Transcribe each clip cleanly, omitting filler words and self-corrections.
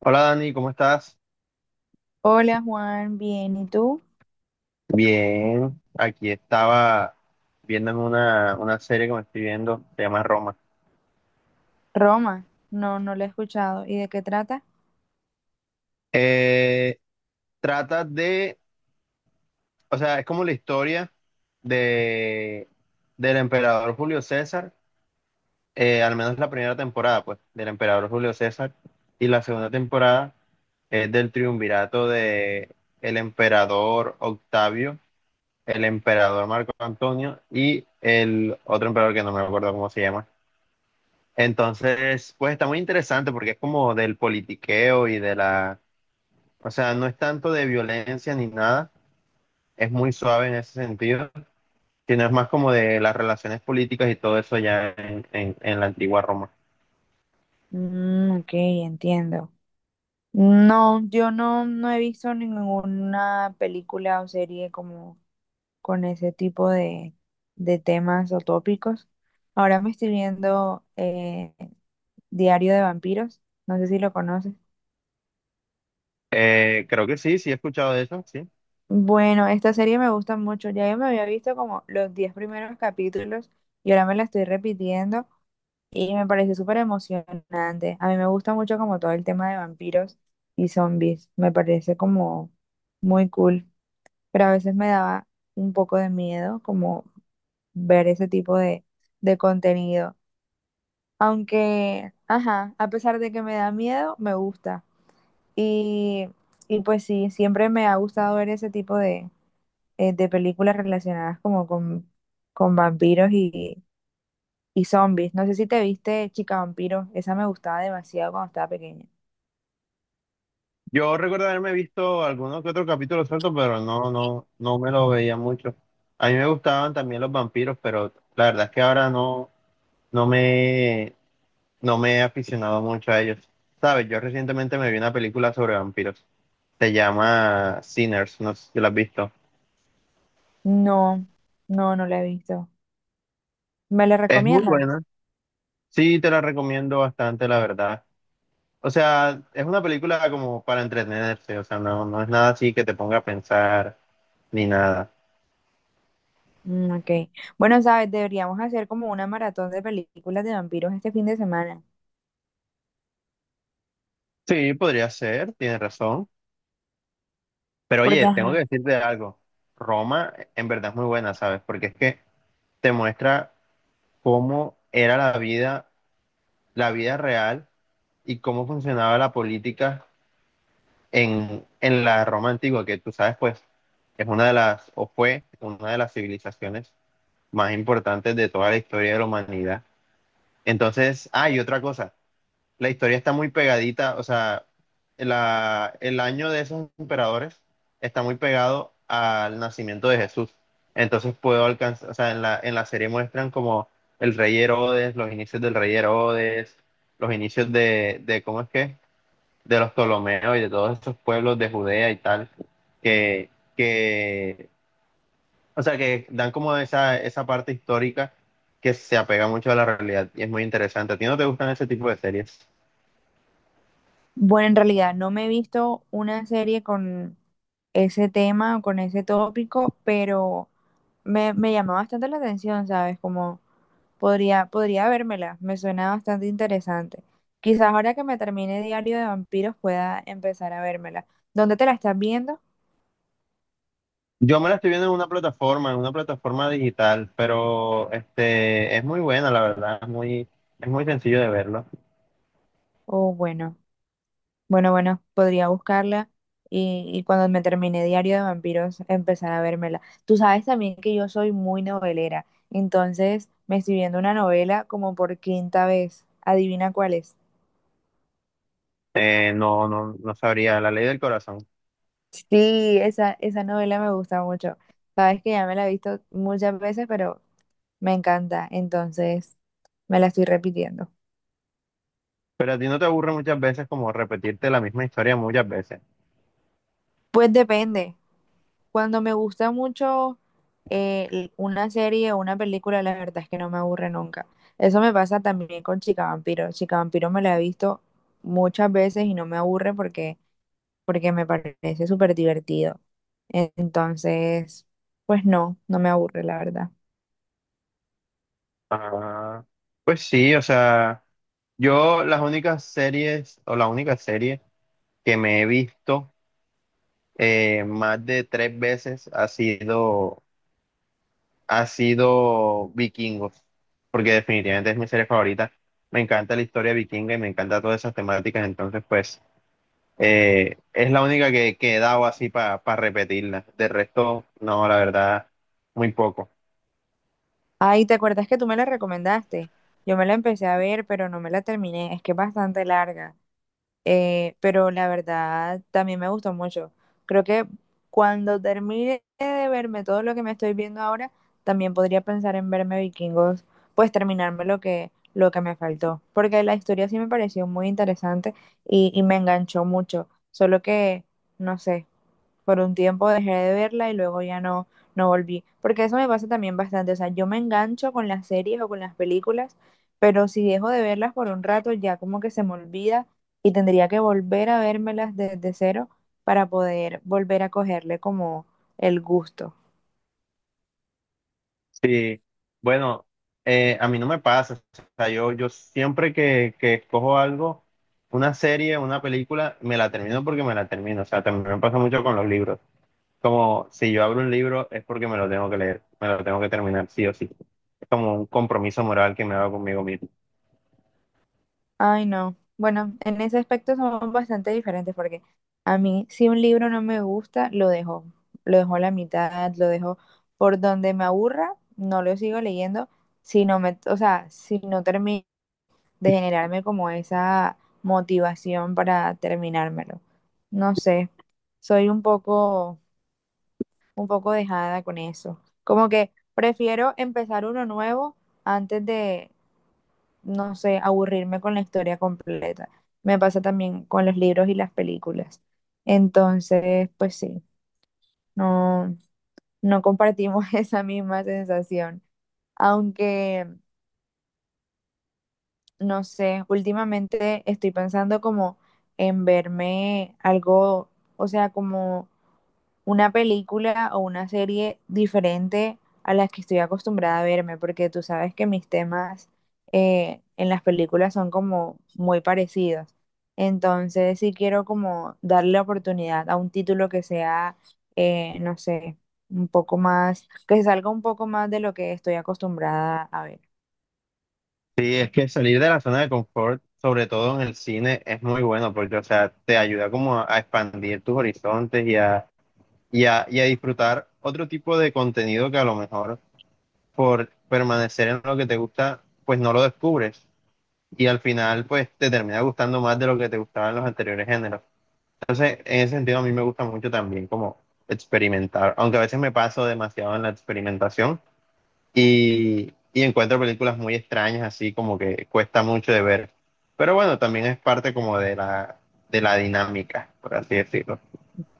Hola Dani, ¿cómo estás? Hola Juan, bien, ¿y tú? Bien, aquí estaba viéndome una serie que me estoy viendo, se llama Roma. Roma, no, no lo he escuchado. ¿Y de qué trata? Eh, Trata de, o sea, es como la historia de, del emperador Julio César, al menos la primera temporada, pues, del emperador Julio César, y la segunda temporada es del triunvirato de el emperador Octavio, el emperador Marco Antonio y el otro emperador que no me acuerdo cómo se llama. Entonces, pues está muy interesante porque es como del politiqueo y de la, o sea, no es tanto de violencia ni nada, es muy suave en ese sentido, sino es más como de las relaciones políticas y todo eso ya en la antigua Roma. Mm, ok, entiendo. No, yo no he visto ninguna película o serie como con ese tipo de temas o tópicos. Ahora me estoy viendo Diario de Vampiros, no sé si lo conoces. Creo que sí, sí he escuchado de eso, sí. Bueno, esta serie me gusta mucho. Ya yo me había visto como los 10 primeros capítulos y ahora me la estoy repitiendo. Y me pareció súper emocionante. A mí me gusta mucho como todo el tema de vampiros y zombies. Me parece como muy cool. Pero a veces me daba un poco de miedo como ver ese tipo de contenido. Aunque, ajá, a pesar de que me da miedo, me gusta. Y, y pues sí, siempre me ha gustado ver ese tipo de películas relacionadas como con vampiros y zombies. No sé si te viste Chica Vampiro, esa me gustaba demasiado cuando estaba pequeña. Yo recuerdo haberme visto algunos que otro capítulo suelto, pero no me lo veía mucho. A mí me gustaban también los vampiros, pero la verdad es que ahora no me, no me he aficionado mucho a ellos. Sabes, yo recientemente me vi una película sobre vampiros. Se llama Sinners, no sé si la has visto. No, no la he visto. ¿Me la Es muy recomiendas? buena. Sí, te la recomiendo bastante, la verdad. O sea, es una película como para entretenerse, o sea, no es nada así que te ponga a pensar ni nada. Mm, ok. Bueno, sabes, deberíamos hacer como una maratón de películas de vampiros este fin de semana. Sí, podría ser, tienes razón. Pero Porque, oye, tengo que ajá, decirte algo. Roma en verdad es muy buena, ¿sabes? Porque es que te muestra cómo era la vida real y cómo funcionaba la política en la Roma antigua, que tú sabes, pues es una de las, o fue una de las civilizaciones más importantes de toda la historia de la humanidad. Entonces, hay otra cosa, la historia está muy pegadita, o sea, el año de esos emperadores está muy pegado al nacimiento de Jesús. Entonces puedo alcanzar, o sea, en la serie muestran como el rey Herodes, los inicios del rey Herodes, los inicios de ¿cómo es que? De los Ptolomeos y de todos esos pueblos de Judea y tal, que, que, o sea, que dan como esa parte histórica que se apega mucho a la realidad y es muy interesante. ¿A ti no te gustan ese tipo de series? bueno, en realidad no me he visto una serie con ese tema, o con ese tópico, pero me llamó bastante la atención, ¿sabes? Como podría, podría vérmela, me suena bastante interesante. Quizás ahora que me termine Diario de Vampiros pueda empezar a vérmela. ¿Dónde te la estás viendo? Yo me la estoy viendo en una plataforma digital, pero este es muy buena, la verdad, es muy sencillo de verlo. Oh, bueno, bueno, podría buscarla y cuando me termine Diario de Vampiros empezar a vérmela. Tú sabes también que yo soy muy novelera, entonces me estoy viendo una novela como por quinta vez. Adivina cuál es. No, no sabría, la ley del corazón. Sí, esa novela me gusta mucho. Sabes que ya me la he visto muchas veces, pero me encanta, entonces me la estoy repitiendo. Pero a ti no te aburre muchas veces como repetirte la misma historia muchas veces. Pues depende. Cuando me gusta mucho una serie o una película, la verdad es que no me aburre nunca. Eso me pasa también con Chica Vampiro. Chica Vampiro me la he visto muchas veces y no me aburre porque me parece súper divertido. Entonces, pues no, no me aburre, la verdad. Ah, pues sí, o sea, yo las únicas series o la única serie que me he visto más de tres veces ha sido Vikingos, porque definitivamente es mi serie favorita. Me encanta la historia vikinga y me encanta todas esas temáticas, entonces pues es la única que he dado así para repetirla. De resto, no, la verdad, muy poco. Ay, ¿te acuerdas que tú me la recomendaste? Yo me la empecé a ver, pero no me la terminé. Es que es bastante larga. Pero la verdad también me gustó mucho. Creo que cuando termine de verme todo lo que me estoy viendo ahora, también podría pensar en verme Vikingos, pues terminarme lo que me faltó. Porque la historia sí me pareció muy interesante y me enganchó mucho. Solo que, no sé, por un tiempo dejé de verla y luego ya no volví. Porque eso me pasa también bastante. O sea, yo me engancho con las series o con las películas, pero si dejo de verlas por un rato, ya como que se me olvida y tendría que volver a vérmelas desde cero para poder volver a cogerle como el gusto. Sí, bueno, a mí no me pasa. O sea, yo siempre que escojo algo, una serie, una película, me la termino porque me la termino. O sea, también me pasa mucho con los libros. Como si yo abro un libro es porque me lo tengo que leer, me lo tengo que terminar, sí o sí. Como un compromiso moral que me hago conmigo mismo. Ay, no. Bueno, en ese aspecto somos bastante diferentes porque a mí si un libro no me gusta, lo dejo. Lo dejo a la mitad, lo dejo por donde me aburra, no lo sigo leyendo, si no me, o sea, si no termino de generarme como esa motivación para terminármelo. No sé, soy un poco dejada con eso. Como que prefiero empezar uno nuevo antes de, no sé, aburrirme con la historia completa. Me pasa también con los libros y las películas. Entonces, pues sí, no, no compartimos esa misma sensación. Aunque, no sé, últimamente estoy pensando como en verme algo, o sea, como una película o una serie diferente a las que estoy acostumbrada a verme, porque tú sabes que mis temas en las películas son como muy parecidos. Entonces, sí quiero como darle oportunidad a un título que sea, no sé, un poco más, que se salga un poco más de lo que estoy acostumbrada a ver. Sí, es que salir de la zona de confort, sobre todo en el cine, es muy bueno porque, o sea, te ayuda como a expandir tus horizontes y a disfrutar otro tipo de contenido que a lo mejor por permanecer en lo que te gusta, pues no lo descubres. Y al final, pues te termina gustando más de lo que te gustaban los anteriores géneros. Entonces, en ese sentido, a mí me gusta mucho también como experimentar, aunque a veces me paso demasiado en la experimentación y encuentro películas muy extrañas, así como que cuesta mucho de ver. Pero bueno, también es parte como de la dinámica, por así decirlo.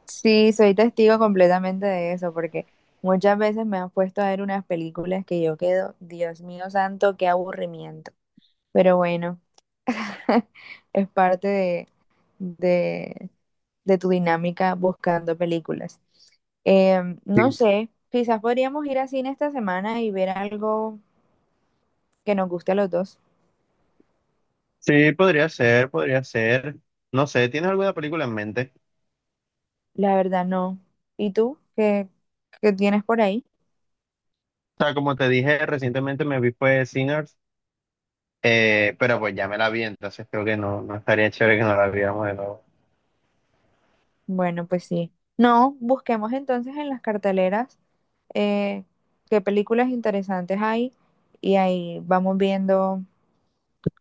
Sí, soy testigo completamente de eso, porque muchas veces me han puesto a ver unas películas que yo quedo, Dios mío santo, qué aburrimiento. Pero bueno. Es parte de, de tu dinámica buscando películas. No Sí. sé, quizás podríamos ir a cine esta semana y ver algo que nos guste a los dos. Sí, podría ser, podría ser. No sé, ¿tienes alguna película en mente? La verdad, no. ¿Y tú? ¿Qué, qué tienes por ahí? O sea, como te dije, recientemente me vi fue Sinners, pero pues ya me la vi, entonces creo que no, no estaría chévere que no la viéramos de nuevo. Bueno, pues sí. No, busquemos entonces en las carteleras eh, qué películas interesantes hay y ahí vamos viendo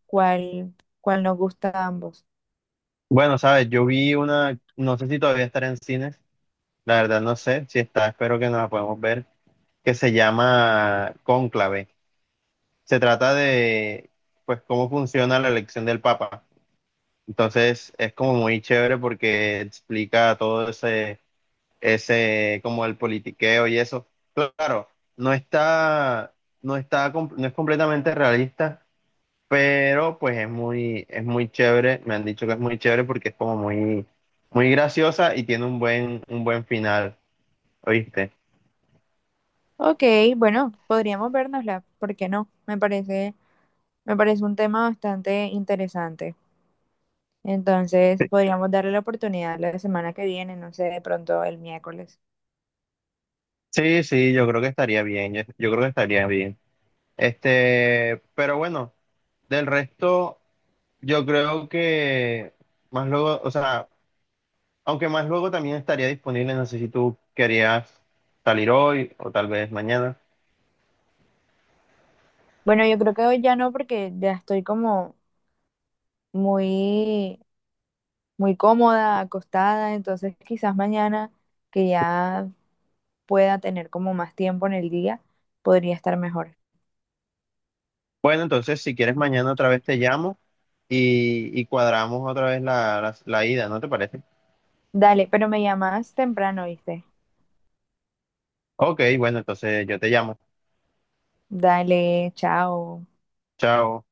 cuál, cuál nos gusta a ambos. Bueno, sabes, yo vi una, no sé si todavía estará en cines, la verdad no sé si está, espero que nos la podamos ver, que se llama Cónclave. Se trata de, pues, cómo funciona la elección del Papa. Entonces, es como muy chévere porque explica todo ese, como el politiqueo y eso. Claro, no está, no está, no es completamente realista, pero pues es muy chévere. Me han dicho que es muy chévere porque es como muy graciosa y tiene un buen final, ¿oíste? Ok, bueno, podríamos vernosla, ¿por qué no? Me parece un tema bastante interesante. Entonces, podríamos darle la oportunidad la semana que viene, no sé, de pronto el miércoles. Sí, sí, yo creo que estaría bien, yo creo que estaría bien. Este, pero bueno, del resto, yo creo que más luego, o sea, aunque más luego también estaría disponible, no sé si tú querías salir hoy o tal vez mañana. Bueno, yo creo que hoy ya no, porque ya estoy como muy, muy cómoda, acostada, entonces quizás mañana, que ya pueda tener como más tiempo en el día, podría estar mejor. Bueno, entonces si quieres mañana otra vez te llamo y cuadramos otra vez la, la ida, ¿no te parece? Dale, pero me llamas temprano, ¿viste? Ok, bueno, entonces yo te llamo. Dale, chao. Chao.